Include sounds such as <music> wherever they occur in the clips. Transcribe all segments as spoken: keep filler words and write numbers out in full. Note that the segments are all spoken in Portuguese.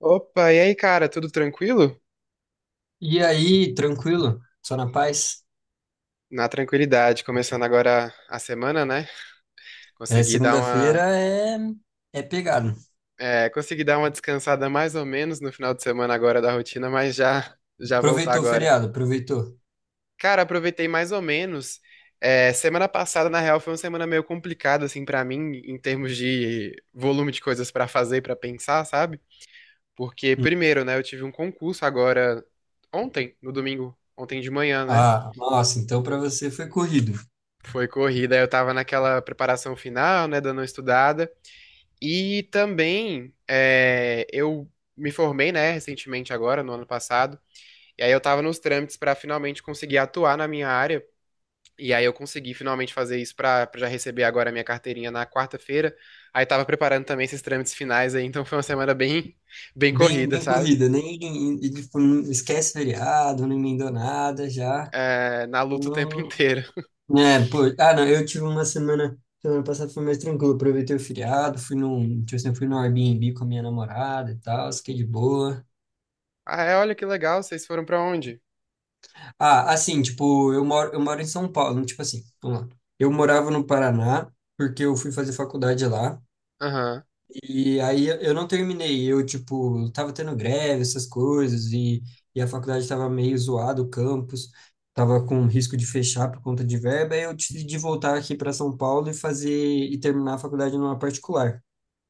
Opa, e aí, cara, tudo tranquilo? E aí, tranquilo? Só na paz? Na tranquilidade, começando agora a semana, né? É, Consegui dar uma, segunda-feira é, é pegado. é, consegui dar uma descansada mais ou menos no final de semana agora da rotina, mas já já voltar Aproveitou o agora. feriado, aproveitou. Cara, aproveitei mais ou menos. É, semana passada, na real, foi uma semana meio complicada assim pra mim em termos de volume de coisas pra fazer, pra pensar, sabe? Porque Hum. primeiro, né, eu tive um concurso agora ontem, no domingo, ontem de manhã, né? Ah, nossa, então para você foi corrido. Foi corrida, eu tava naquela preparação final, né, dando uma estudada. E também é, eu me formei, né, recentemente agora, no ano passado. E aí eu tava nos trâmites pra finalmente conseguir atuar na minha área. E aí eu consegui finalmente fazer isso pra pra já receber agora a minha carteirinha na quarta-feira. Aí tava preparando também esses trâmites finais aí, então foi uma semana bem, bem Bem, corrida, bem sabe? corrida, nem e, tipo, não esquece feriado, não emendou nada já. É, na luta o tempo <laughs> Não, inteiro. né, pô, ah, não, eu tive uma semana, semana passada foi mais tranquilo, aproveitei o feriado, fui num, tipo assim, fui no Airbnb com a minha namorada e tal, fiquei de boa. Ah, é, olha que legal, vocês foram pra onde? Ah, assim, tipo, eu moro, eu moro em São Paulo, tipo assim, vamos lá. Eu morava no Paraná, porque eu fui fazer faculdade lá, Aham, e aí eu eu não terminei, eu, tipo, tava tendo greve, essas coisas, e, e a faculdade tava meio zoada, o campus, tava com risco de fechar por conta de verba, aí eu decidi voltar aqui para São Paulo e fazer, e terminar a faculdade numa particular.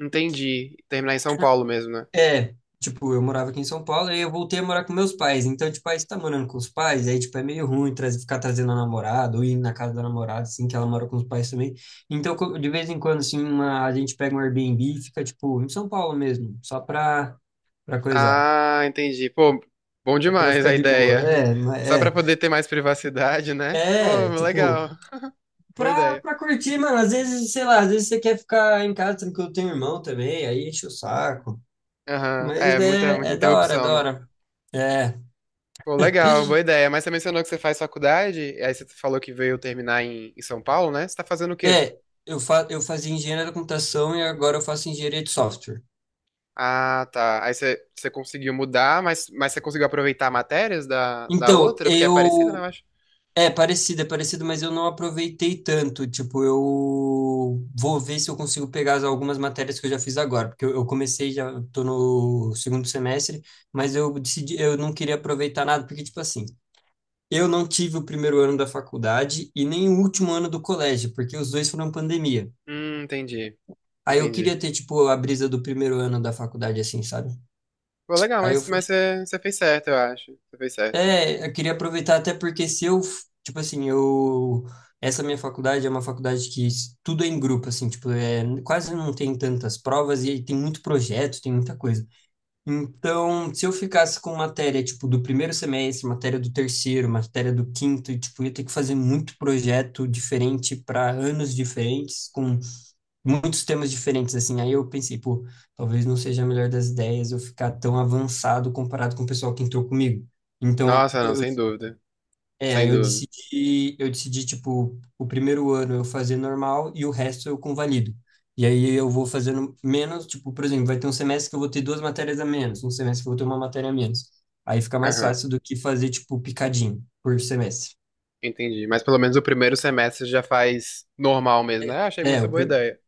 entendi. Terminar em São Paulo mesmo, né? É, tipo, eu morava aqui em São Paulo e eu voltei a morar com meus pais. Então, tipo, aí você tá morando com os pais, aí, tipo, é meio ruim trazer, ficar trazendo a namorada ou ir na casa da namorada, assim, que ela mora com os pais também. Então, co- de vez em quando, assim, uma, a gente pega um Airbnb e fica, tipo, em São Paulo mesmo, só pra, pra coisar. Ah, entendi. Pô, bom Só pra demais ficar a de boa. ideia. É, ma- Só pra é. poder ter mais privacidade, né? Pô, É, tipo, legal. Boa pra, ideia. pra curtir, mano. Às vezes, sei lá, às vezes você quer ficar em casa, tranquilo, tem um irmão também, aí enche o saco. Aham. Mas É, muita, muita é, é da hora, é interrupção, da né? hora. É. Pô, legal, boa ideia. Mas você mencionou que você faz faculdade, e aí você falou que veio terminar em, em São Paulo, né? Você tá fazendo o quê? É, eu, fa eu fazia engenharia da computação e agora eu faço engenharia de software. Ah, tá. Aí você, você conseguiu mudar, mas, mas você conseguiu aproveitar matérias da, da Então, outra? Porque é parecida, né, eu. eu acho? É parecido, é parecido, mas eu não aproveitei tanto. Tipo, eu vou ver se eu consigo pegar as- algumas matérias que eu já fiz agora, porque eu, eu comecei, já tô no segundo semestre, mas eu decidi, eu não queria aproveitar nada, porque, tipo assim, eu não tive o primeiro ano da faculdade e nem o último ano do colégio, porque os dois foram pandemia. Hum, entendi. Aí eu Entendi. queria ter, tipo, a brisa do primeiro ano da faculdade, assim, sabe? Pô, legal, Aí eu mas, mas você, você fez certo, eu acho. Você fez certo. É, eu queria aproveitar até porque se eu, tipo assim, eu, essa minha faculdade é uma faculdade que s- tudo é em grupo, assim, tipo, é, quase não tem tantas provas e tem muito projeto, tem muita coisa. Então, se eu ficasse com matéria, tipo, do primeiro semestre, matéria do terceiro, matéria do quinto, e, tipo, eu ia ter que fazer muito projeto diferente para anos diferentes, com muitos temas diferentes, assim. Aí eu pensei, pô, talvez não seja a melhor das ideias eu ficar tão avançado comparado com o pessoal que entrou comigo. Então, Nossa, não, sem dúvida. é, aí Sem eu dúvida. decidi, eu decidi, tipo, o primeiro ano eu fazer normal e o resto eu convalido. E aí eu vou fazendo menos, tipo, por exemplo, vai ter um semestre que eu vou ter duas matérias a menos, um semestre que eu vou ter uma matéria a menos. Aí fica mais Aham, fácil do que fazer, tipo, picadinho por semestre. entendi. Mas pelo menos o primeiro semestre já faz normal mesmo, né? Ah, Achei É, muito o boa pri- ideia.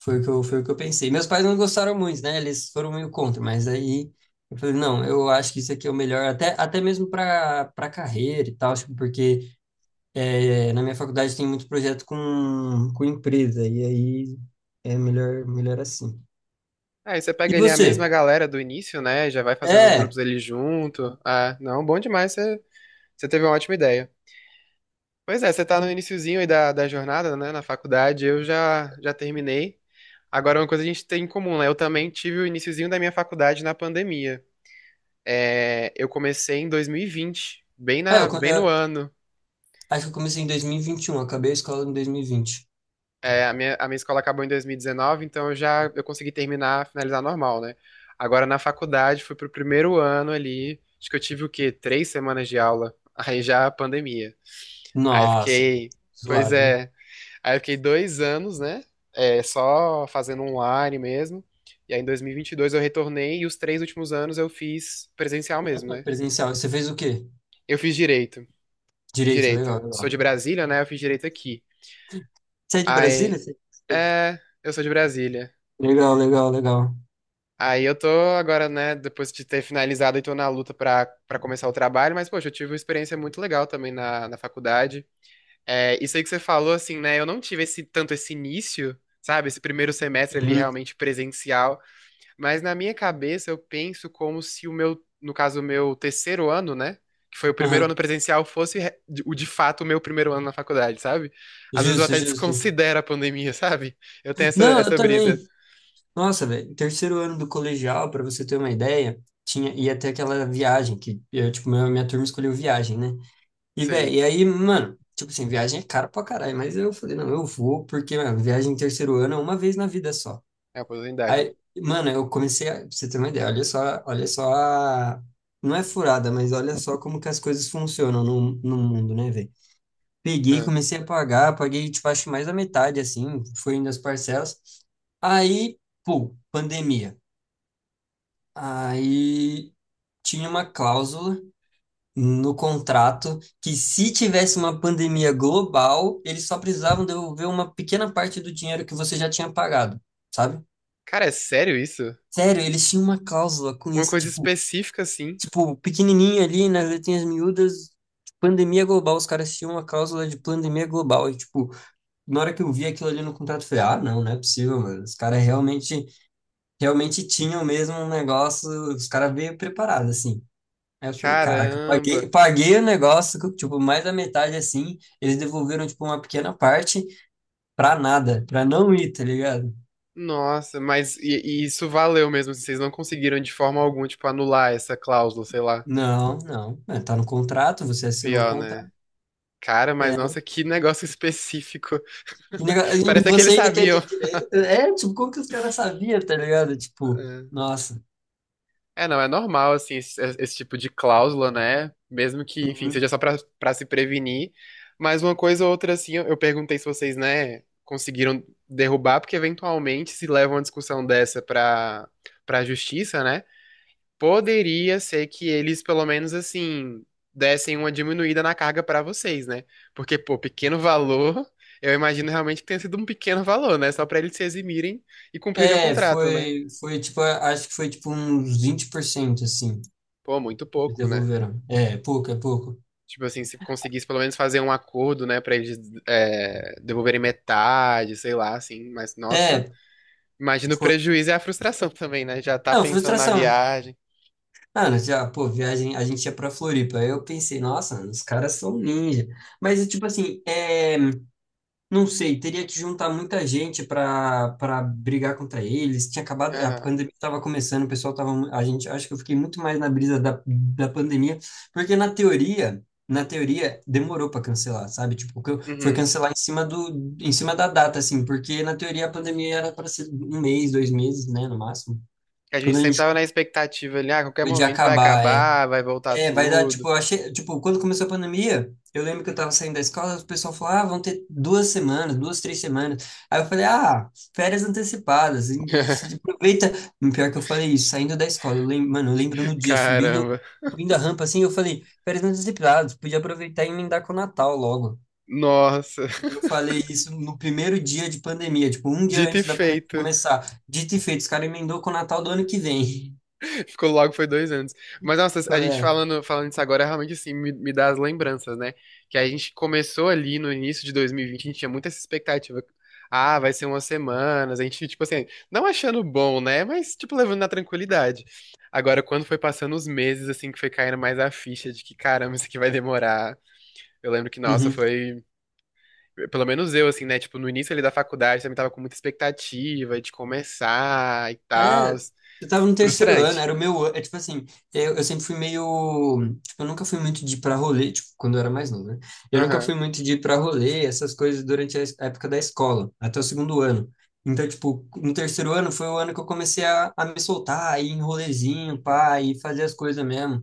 foi o que eu, É, foi o que eu pensei. Meus pais não gostaram muito, né? Eles foram meio contra, mas aí eu falei, não, eu acho que isso aqui é o melhor, até, até mesmo para para carreira e tal, tipo, porque É, na minha faculdade tem muito projeto com, com empresa, e aí é melhor, melhor assim. Aí você E pega ali a mesma você? galera do início, né? Já vai fazendo os É, grupos ali junto. Ah, não, bom demais, você, você teve uma ótima ideia. Pois é, você tá no iniciozinho aí da, da jornada, né? Na faculdade, eu já, já terminei. Agora, uma coisa que a gente tem em comum, né? Eu também tive o iniciozinho da minha faculdade na pandemia. É, eu comecei em dois mil e vinte, bem é na, eu, co- bem no eu ano. acho que eu comecei em dois mil e vinte e um, acabei a escola em dois mil e vinte. É, a minha, a minha escola acabou em dois mil e dezenove, então eu já eu consegui terminar, finalizar normal, né? Agora na faculdade, fui pro primeiro ano ali, acho que eu tive o quê? Três semanas de aula, <laughs> aí já a pandemia. Aí Nossa, fiquei, pois zoado, hein? é, aí eu fiquei dois anos, né? É, só fazendo online mesmo. E aí em dois mil e vinte e dois eu retornei e os três últimos anos eu fiz presencial Um, mesmo, um né? presencial. Você fez o quê? Eu fiz direito, fiz Direito, legal, direito. Sou legal. de Brasília, né? Eu fiz direito aqui. Você é de Brasília? Aí, Você- é, eu sou de Brasília. Legal, legal, legal. Aí eu tô agora, né, depois de ter finalizado e tô na luta pra, pra, começar o trabalho, mas, poxa, eu tive uma experiência muito legal também na, na faculdade. É, isso aí que você falou, assim, né, eu não tive esse tanto esse início, sabe, esse primeiro semestre ali Uhum, realmente presencial, mas na minha cabeça eu penso como se o meu, no caso, o meu terceiro ano, né, que foi o primeiro ano uhum. presencial, fosse re- de- o de fato o meu primeiro ano na faculdade, sabe? Às vezes eu Justo, até justo. desconsidero a pandemia, <laughs> sabe? Eu tenho essa, Não, eu essa brisa, também. Nossa, velho, terceiro ano do colegial, pra você ter uma ideia, tinha ia ter aquela viagem que eu, tipo, minha, minha turma escolheu viagem, né? E velho, sei, e aí, mano, tipo assim, viagem é cara pra caralho, mas eu falei, não, eu vou porque, mano, viagem em terceiro ano é uma vez na vida só. é a oportunidade, Aí, mano, eu comecei a, pra você ter uma ideia, olha só, olha só a- não é furada, mas olha só como que as coisas funcionam no, no mundo, né, velho? Peguei, né? comecei a pagar, paguei, tipo, acho que mais da metade, assim, foi indo as parcelas. Aí, pô, pandemia. Aí tinha uma cláusula no contrato que se tivesse uma pandemia global, eles só precisavam devolver uma pequena parte do dinheiro que você já tinha pagado, sabe? Cara, é sério isso? Sério, eles tinham uma cláusula com Uma isso, coisa tipo, específica assim? tipo, pequenininho ali nas letrinhas miúdas, pandemia global, os caras tinham uma cláusula de pandemia global e tipo, na hora que eu vi aquilo ali no contrato, eu falei, ah, não, não é possível, mano. Os caras realmente, realmente tinham mesmo um negócio, os caras veio preparados assim. Aí eu falei, caraca, Caramba. paguei, paguei o negócio, co- tipo, mais da metade assim, eles devolveram, tipo, uma pequena parte pra nada, pra não ir, tá ligado? Nossa, mas e, e isso valeu mesmo, assim, vocês não conseguiram de forma alguma, tipo, anular essa cláusula, sei lá. Não, não, é, tá no contrato, você assinou o Pior, né? contrato. Cara, mas É. nossa, que negócio específico. E nega- e <laughs> Parece que você eles ainda quer sabiam. de direito? É, tipo, como que os caras sabiam, tá ligado? Tipo, É. nossa. É, não, é normal, assim, esse, esse tipo de cláusula, né? Mesmo que, enfim, Uhum. seja só pra, pra, se prevenir. Mas uma coisa ou outra, assim, eu eu perguntei se vocês, né, conseguiram derrubar, porque eventualmente se leva uma discussão dessa pra, pra justiça, né? Poderia ser que eles, pelo menos, assim, dessem uma diminuída na carga pra vocês, né? Porque, pô, pequeno valor, eu imagino realmente que tenha sido um pequeno valor, né? Só pra eles se eximirem e cumprirem o É, contrato, né? foi, foi, tipo, acho que foi, tipo, uns vinte por cento assim, Pô, muito eles pouco, né? devolveram. É, pouco, é pouco. Tipo assim, se conseguisse pelo menos fazer um acordo, né, pra eles é, devolverem metade, sei lá, assim. Mas, nossa, É, imagina o foi. prejuízo e a frustração <laughs> também, né? Já tá Não, pensando na frustração, viagem. ah, nós já, pô, viagem, a gente ia pra Floripa. Aí eu pensei, nossa, os caras são ninja. Mas, é tipo assim, é, não sei, teria que juntar muita gente pra, pra brigar contra eles. Tinha acabado, a Aham, pandemia tava começando, o pessoal tava, mu- a gente, acho que eu fiquei muito mais na brisa da, da pandemia, porque na teoria, na teoria, demorou pra cancelar, sabe? Tipo, can- foi uhum. cancelar em cima do, em cima da data, assim, porque na teoria a pandemia era pra ser um mês, dois meses, né, no máximo. A gente Quando a sempre gente tava na expectativa ali, ah, a qualquer combinou de momento vai acabar, é. acabar, vai voltar É, vai dar, tipo, tudo. eu achei, tipo, quando começou a pandemia, eu lembro que eu tava saindo da escola, o pessoal falou, ah, vão ter duas semanas, duas, três semanas. Aí eu falei, ah, férias antecipadas, e se <laughs> aproveita. Pior que eu falei isso, saindo da escola, eu lembro, mano, eu lembro no dia, subindo, Caramba. subindo a rampa, assim, eu falei, férias antecipadas, podia aproveitar e emendar com o Natal logo. Nossa, Eu falei isso no primeiro dia de pandemia, tipo, um dia dito e antes da pandemia feito. começar. Dito e feito, os caras emendou com o Natal do ano que vem. Ficou logo, foi dois anos. Mas, nossa, a gente <laughs> falando, falando isso agora, realmente, assim, me, me dá as lembranças, né? Que a gente começou ali no início de dois mil e vinte, a gente tinha muita essa expectativa. Ah, vai ser umas semanas, a gente, tipo assim, não achando bom, né? Mas, tipo, levando na tranquilidade. Agora, quando foi passando os meses, assim, que foi caindo mais a ficha de que, caramba, isso aqui vai demorar. Eu lembro que, É. nossa, Uhum. foi... Pelo menos eu, assim, né? Tipo, no início ali da faculdade, também tava com muita expectativa de começar e tal. É, eu tava no terceiro ano, Frustrante. era o meu, an- é tipo assim, eu, eu sempre fui meio, tipo, eu nunca fui muito de ir pra rolê, tipo, quando eu era mais novo, né? Eu nunca Aham. fui muito de ir pra rolê, essas coisas durante a es- a época da escola, até o segundo ano. Então, tipo, no terceiro ano foi o ano que eu comecei a, a me soltar, a ir em rolezinho, pá, e fazer as coisas mesmo.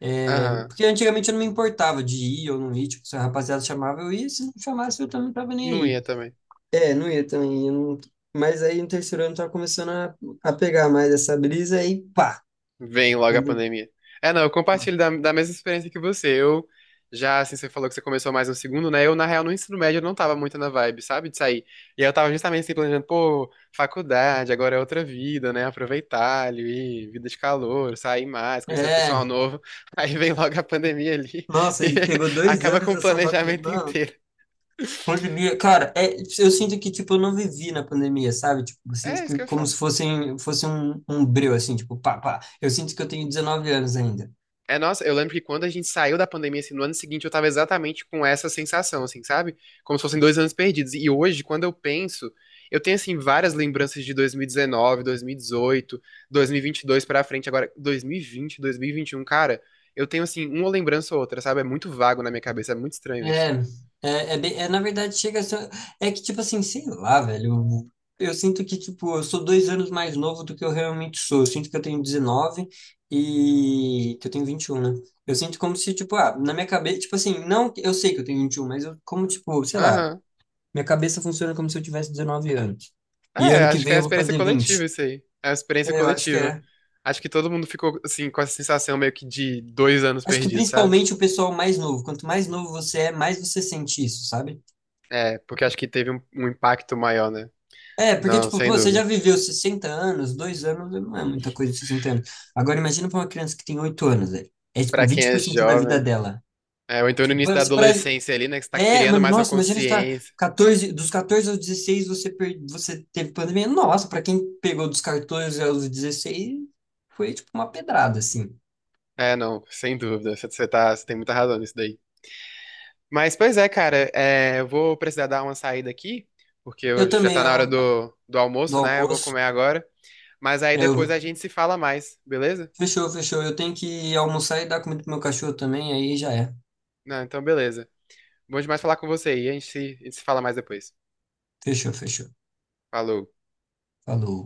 É, Aham. porque antigamente eu não me importava de ir ou não ir, tipo, se a rapaziada chamava, eu ia, se não chamasse, eu também não tava nem Não aí. ia também. É, não ia também. Eu não- Mas aí no terceiro ano eu tava começando a, a pegar mais essa brisa e pá. Vem logo a Entendeu? pandemia. É, não, eu compartilho da, da mesma experiência que você. Eu já, assim, você falou que você começou mais no segundo, né? Eu, na real, no ensino médio, eu não tava muito na vibe, sabe? De sair. E aí eu tava justamente assim, planejando, pô, faculdade, agora é outra vida, né? Aproveitar ali, vida de calor, sair mais, conhecer o É, pessoal novo. <laughs> Aí vem logo a pandemia ali <laughs> nossa, e e pegou dois acaba anos com o dessa faculdade. planejamento Não, inteiro. pandemia, cara, é, eu sinto que, tipo, eu não vivi na pandemia, sabe? Tipo, eu sinto É isso que que eu como se falo. fosse, fosse um, um breu, assim, tipo, pá, pá. Eu sinto que eu tenho 19 anos ainda. É, nossa, eu lembro que quando a gente saiu da pandemia, assim, no ano seguinte, eu tava exatamente com essa sensação, assim, sabe? Como se fossem dois anos perdidos. E hoje, quando eu penso, eu tenho, assim, várias lembranças de dois mil e dezenove, dois mil e dezoito, dois mil e vinte e dois pra frente. Agora, dois mil e vinte, dois mil e vinte e um, cara, eu tenho, assim, uma lembrança ou outra, sabe? É muito vago na minha cabeça, é muito estranho É, isso. é, é, bem- é, na verdade, chega a ser, é que, tipo assim, sei lá, velho, eu, eu sinto que, tipo, eu sou dois anos mais novo do que eu realmente sou, eu sinto que eu tenho dezenove e que eu tenho vinte e um, né? Eu sinto como se, tipo, ah, na minha cabeça, tipo assim, não, que- eu sei que eu tenho vinte e um, mas eu, como, tipo, sei lá, Aham. minha cabeça funciona como se eu tivesse dezenove anos, e É, ano que acho que vem é uma eu vou experiência fazer coletiva vinte. isso aí. É uma experiência É, eu acho que coletiva. é, Acho que todo mundo ficou, assim, com essa sensação meio que de dois anos acho que perdidos, sabe? principalmente o pessoal mais novo, quanto mais novo você é, mais você sente isso, sabe? É, porque acho que teve um, um impacto maior, né? É, porque, Não, tipo, pô, sem você já dúvida. viveu sessenta anos, dois anos não é muita coisa, sessenta anos. Agora, imagina pra uma criança que tem oito anos, velho. É, tipo, Pra quem vinte é por cento da vida jovem, dela. é, ou então no início da Você pra- adolescência ali, né, que você tá É, criando mano, mais uma nossa, imagina você tá consciência. quatorze, dos quatorze aos dezesseis você, per... você teve pandemia. Nossa, pra quem pegou dos catorze aos dezesseis foi, tipo, uma pedrada, assim. É, não, sem dúvida. Você, você tá, você tem muita razão nisso daí. Mas, pois é, cara, é, eu vou precisar dar uma saída aqui, porque Eu eu- já também, tá eu, na hora do, do do almoço, né? Eu vou almoço, comer agora. Mas aí é, depois a eu... gente se fala mais, beleza? fechou, fechou. Eu tenho que almoçar e dar comida pro meu cachorro também, aí já é. Não, então beleza. Bom demais falar com você aí, a gente se, a gente se fala mais depois. Fechou, fechou. Falou. Falou.